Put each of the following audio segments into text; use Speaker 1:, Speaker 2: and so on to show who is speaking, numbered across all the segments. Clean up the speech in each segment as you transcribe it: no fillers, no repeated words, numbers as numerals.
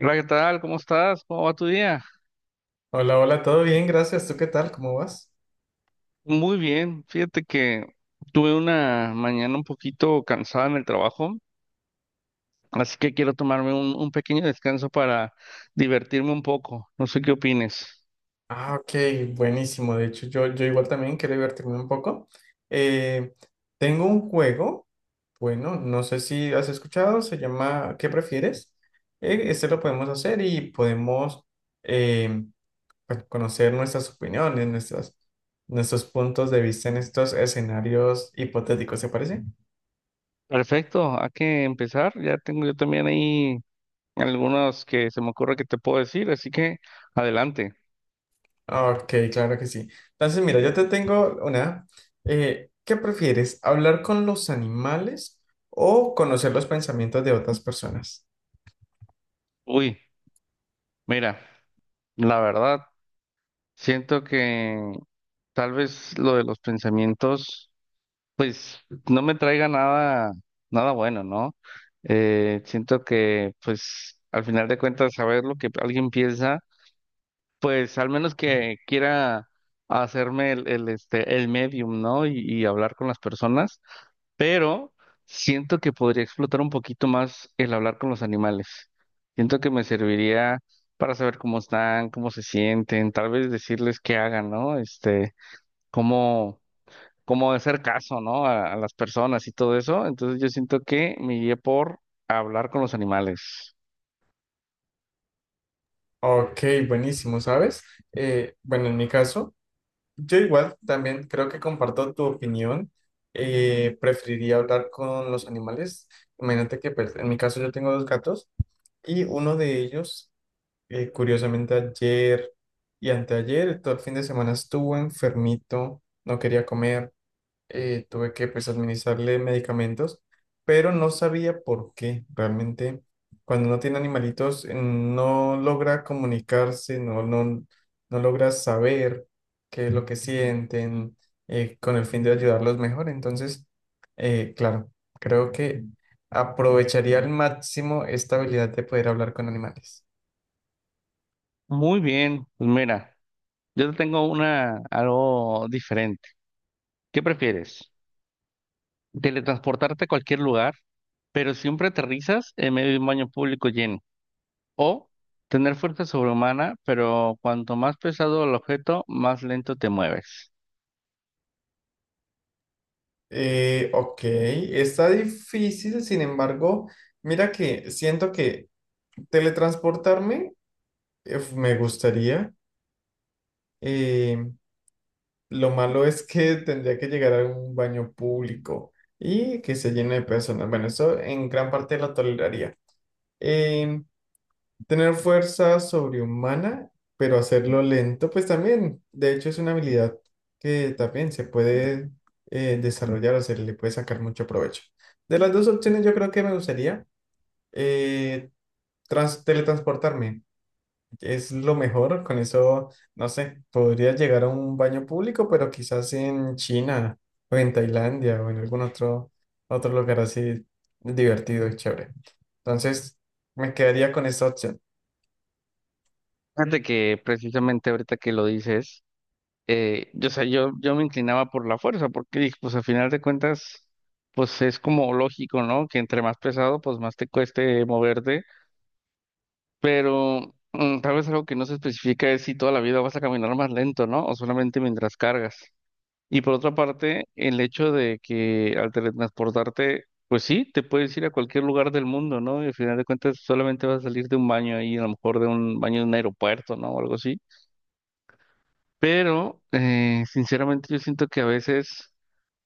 Speaker 1: Hola, ¿qué tal? ¿Cómo estás? ¿Cómo va tu día?
Speaker 2: Hola, hola, todo bien, gracias. ¿Tú qué tal? ¿Cómo vas?
Speaker 1: Muy bien. Fíjate que tuve una mañana un poquito cansada en el trabajo, así que quiero tomarme un pequeño descanso para divertirme un poco. No sé qué opines.
Speaker 2: Ah, ok, buenísimo. De hecho, yo igual también quiero divertirme un poco. Eh, tengo un juego, bueno, no sé si has escuchado, se llama ¿Qué prefieres? Este lo podemos hacer y podemos eh, pues, conocer nuestras opiniones, nuestras, nuestros puntos de vista en estos escenarios hipotéticos, ¿se parece?
Speaker 1: Perfecto, hay que empezar. Ya tengo yo también ahí algunos que se me ocurre que te puedo decir, así que adelante.
Speaker 2: Ok, claro que sí. Entonces, mira, yo te tengo una. ¿Qué prefieres? ¿Hablar con los animales o conocer los pensamientos de otras personas?
Speaker 1: Uy, mira, la verdad, siento que tal vez lo de los pensamientos. Pues no me traiga nada, nada bueno, ¿no? Siento que, pues, al final de cuentas, saber lo que alguien piensa, pues, al menos que quiera hacerme el medium, ¿no? Y hablar con las personas, pero siento que podría explotar un poquito más el hablar con los animales. Siento que me serviría para saber cómo están, cómo se sienten, tal vez decirles qué hagan, ¿no? Cómo como hacer caso, ¿no? A las personas y todo eso. Entonces yo siento que me guié por hablar con los animales.
Speaker 2: Ok, buenísimo, ¿sabes? Bueno, en mi caso, yo igual también creo que comparto tu opinión. Preferiría hablar con los animales. Imagínate que, pues, en mi caso yo tengo dos gatos y uno de ellos curiosamente ayer y anteayer, todo el fin de semana estuvo enfermito, no quería comer, tuve que, pues, administrarle medicamentos, pero no sabía por qué. Realmente cuando uno tiene animalitos, no logra comunicarse, no logra saber qué es lo que sienten, con el fin de ayudarlos mejor. Entonces, claro, creo que aprovecharía al máximo esta habilidad de poder hablar con animales.
Speaker 1: Muy bien, pues mira, yo te tengo una algo diferente. ¿Qué prefieres? Teletransportarte a cualquier lugar, pero siempre aterrizas en medio de un baño público lleno. O tener fuerza sobrehumana, pero cuanto más pesado el objeto, más lento te mueves.
Speaker 2: Ok, está difícil, sin embargo, mira que siento que teletransportarme me gustaría. eh, lo malo es que tendría que llegar a un baño público y que se llene de personas. Bueno, eso en gran parte lo toleraría. Em, Tener fuerza sobrehumana, pero hacerlo lento, pues también, de hecho, es una habilidad que también se puede desarrollar o se le puede sacar mucho provecho. De las dos opciones, yo creo que me gustaría eh, teletransportarme. Es lo mejor, con eso, no sé, podría llegar a un baño público, pero quizás en China o en Tailandia o en algún otro, otro lugar así divertido y chévere. Entonces, me quedaría con esta opción.
Speaker 1: Fíjate que precisamente ahorita que lo dices. Yo, o sea, yo me inclinaba por la fuerza, porque dije, pues al final de cuentas, pues es como lógico, ¿no? Que entre más pesado, pues más te cueste moverte, pero tal vez algo que no se especifica es si toda la vida vas a caminar más lento, ¿no? O solamente mientras cargas. Y por otra parte, el hecho de que al teletransportarte, pues sí, te puedes ir a cualquier lugar del mundo, ¿no? Y al final de cuentas solamente vas a salir de un baño ahí, a lo mejor de un baño de un aeropuerto, ¿no? O algo así. Pero, sinceramente, yo siento que a veces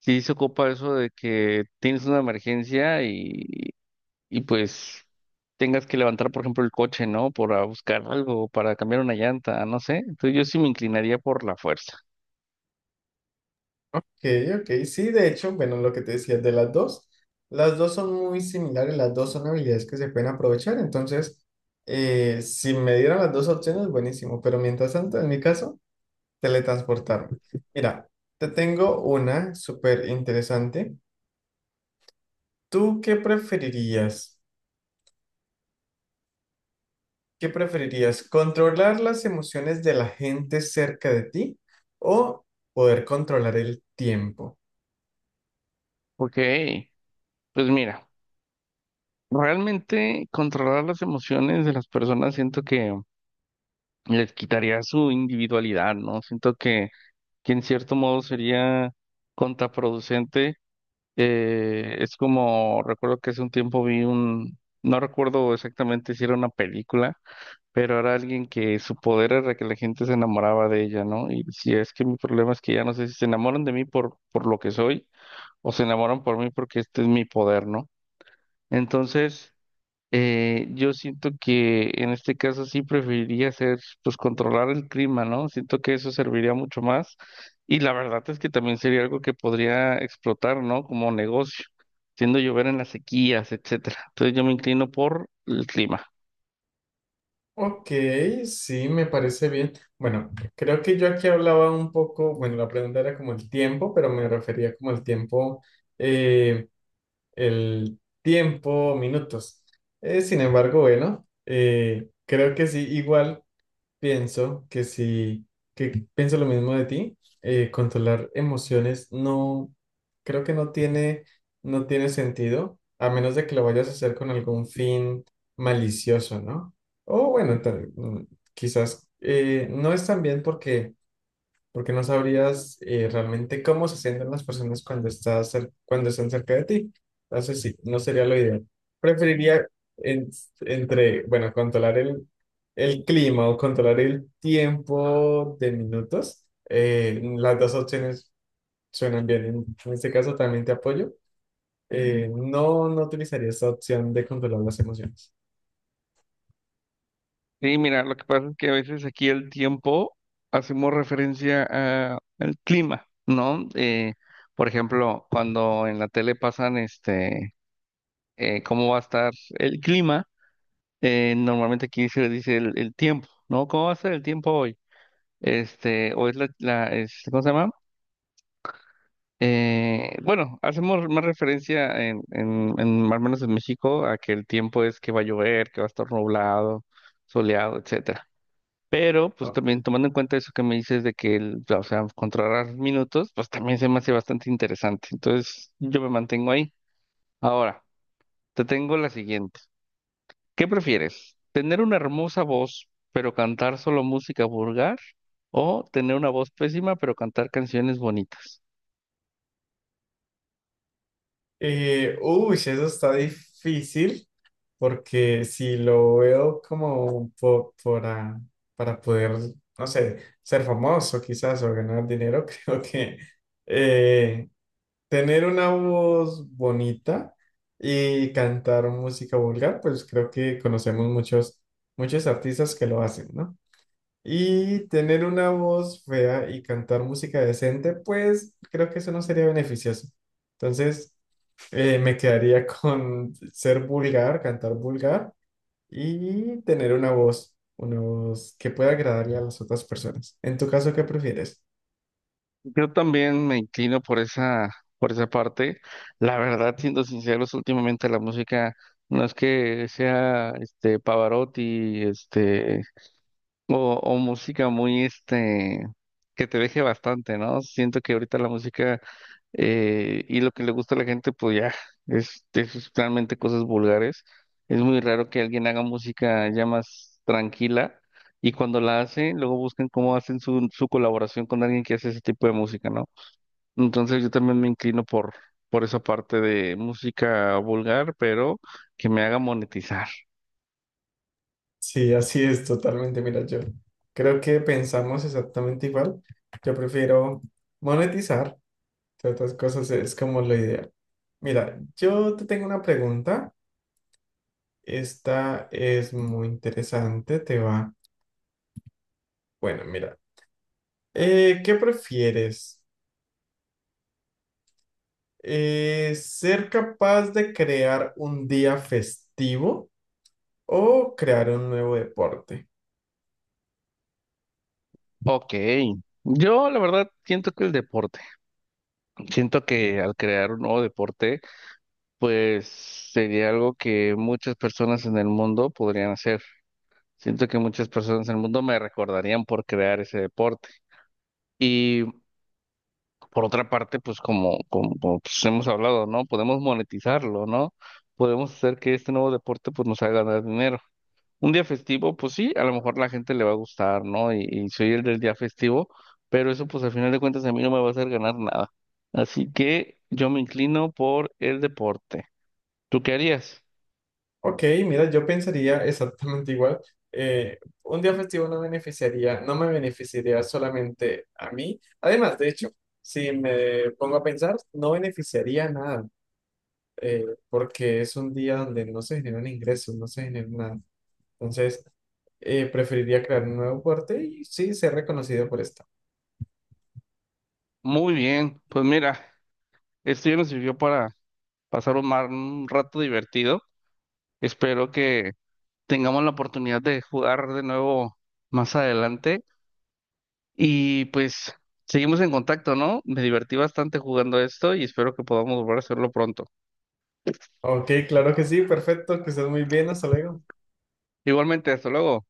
Speaker 1: sí se ocupa eso de que tienes una emergencia y pues tengas que levantar, por ejemplo, el coche, ¿no? Para buscar algo, para cambiar una llanta, no sé. Entonces yo sí me inclinaría por la fuerza.
Speaker 2: ok, ok. Sí, de hecho, bueno, lo que te decía de las dos son muy similares, las dos son habilidades que se pueden aprovechar, entonces, si me dieran las dos opciones, buenísimo, pero mientras tanto, en mi caso, teletransportarme. Mira, te tengo una súper interesante. ¿Tú qué preferirías? ¿Qué preferirías? ¿Controlar las emociones de la gente cerca de ti o poder controlar el tiempo?
Speaker 1: Ok, pues mira, realmente controlar las emociones de las personas siento que les quitaría su individualidad, ¿no? Siento que en cierto modo sería contraproducente. Es como, recuerdo que hace un tiempo vi un, no recuerdo exactamente si era una película, pero era alguien que su poder era que la gente se enamoraba de ella, ¿no? Y si es que mi problema es que ya no sé si se enamoran de mí por lo que soy o se enamoran por mí porque este es mi poder, ¿no? Entonces... yo siento que en este caso sí preferiría hacer, pues controlar el clima, ¿no? Siento que eso serviría mucho más y la verdad es que también sería algo que podría explotar, ¿no? Como negocio, siendo llover en las sequías, etcétera. Entonces yo me inclino por el clima.
Speaker 2: Ok, sí, me parece bien. Bueno, creo que yo aquí hablaba un poco, bueno, la pregunta era como el tiempo, pero me refería como eh, el tiempo, minutos. Sin embargo, bueno, creo que sí, igual. Pienso que sí, que pienso lo mismo de ti. Controlar emociones no, creo que no tiene sentido, a menos de que lo vayas a hacer con algún fin malicioso, ¿no? O bueno, quizás no es tan bien porque no sabrías realmente cómo se sienten las personas cuando, cuando están cerca de ti. Entonces, sí, no sería lo ideal. Preferiría en- entre, bueno, controlar el clima o controlar el tiempo de minutos. Las dos opciones suenan bien. En este caso también te apoyo. No, no utilizaría esta opción de controlar las emociones.
Speaker 1: Y mira, lo que pasa es que a veces aquí el tiempo hacemos referencia a- al clima, ¿no? Por ejemplo, cuando en la tele pasan cómo va a estar el clima. Normalmente aquí se dice el tiempo, ¿no? ¿Cómo va a ser el tiempo hoy? Este, hoy es es- ¿cómo se llama? Bueno, hacemos más referencia en, al menos en México, a que el tiempo es que va a llover, que va a estar nublado, soleado, etcétera. Pero,
Speaker 2: Ah.
Speaker 1: pues también tomando en cuenta eso que me dices de que, el, o sea, controlar minutos, pues también se me hace bastante interesante. Entonces, yo me mantengo ahí. Ahora, te tengo la siguiente. ¿Qué prefieres? ¿Tener una hermosa voz, pero cantar solo música vulgar? ¿O tener una voz pésima, pero cantar canciones bonitas?
Speaker 2: Uy, eso está difícil. Porque si lo veo como para poder, no sé, ser famoso quizás o ganar dinero, creo que eh, tener una voz bonita y cantar música vulgar, pues creo que conocemos muchos, muchos artistas que lo hacen, ¿no? Y tener una voz fea y cantar música decente, pues creo que eso no sería beneficioso. Entonces, me quedaría con ser vulgar, cantar vulgar y tener una voz que pueda agradarle a las otras personas. En tu caso, ¿qué prefieres?
Speaker 1: Yo también me inclino por por esa parte. La verdad, siendo sinceros, últimamente la música no es que sea este Pavarotti, este. O música muy, este, que te deje bastante, ¿no? Siento que ahorita la música y lo que le gusta a la gente, pues ya, es realmente cosas vulgares. Es muy raro que alguien haga música ya más tranquila y cuando la hacen, luego buscan cómo hacen su colaboración con alguien que hace ese tipo de música, ¿no? Entonces yo también me inclino por esa parte de música vulgar, pero que me haga monetizar.
Speaker 2: Sí, así es totalmente. Mira, yo creo que pensamos exactamente igual. Yo prefiero monetizar, entre otras cosas es como lo ideal. Mira, yo te tengo una pregunta. Esta es muy interesante, te va. Bueno, mira, ¿qué prefieres? ¿Ser capaz de crear un día festivo o crear un nuevo deporte?
Speaker 1: Ok. Yo la verdad siento que el deporte. Siento que al crear un nuevo deporte, pues sería algo que muchas personas en el mundo podrían hacer. Siento que muchas personas en el mundo me recordarían por crear ese deporte. Y por otra parte, pues pues, hemos hablado, ¿no? Podemos monetizarlo, ¿no? Podemos hacer que este nuevo deporte pues nos haga ganar dinero. Un día festivo, pues sí, a lo mejor la gente le va a gustar, ¿no? Y soy el del día festivo, pero eso pues al final de cuentas a mí no me va a hacer ganar nada. Así que yo me inclino por el deporte. ¿Tú qué harías?
Speaker 2: Ok, mira, yo pensaría exactamente igual. Un día festivo no me beneficiaría solamente a mí. Además, de hecho, si me pongo a pensar, no beneficiaría a nada, eh, porque es un día donde no se generan ingresos, no se genera nada. Entonces, preferiría crear un nuevo deporte y sí ser reconocido por esto.
Speaker 1: Muy bien, pues mira, esto ya nos sirvió para pasar un rato divertido. Espero que tengamos la oportunidad de jugar de nuevo más adelante y pues seguimos en contacto, ¿no? Me divertí bastante jugando esto y espero que podamos volver a hacerlo pronto.
Speaker 2: Ok, claro que sí, perfecto, que estés muy bien, hasta luego.
Speaker 1: Igualmente, hasta luego.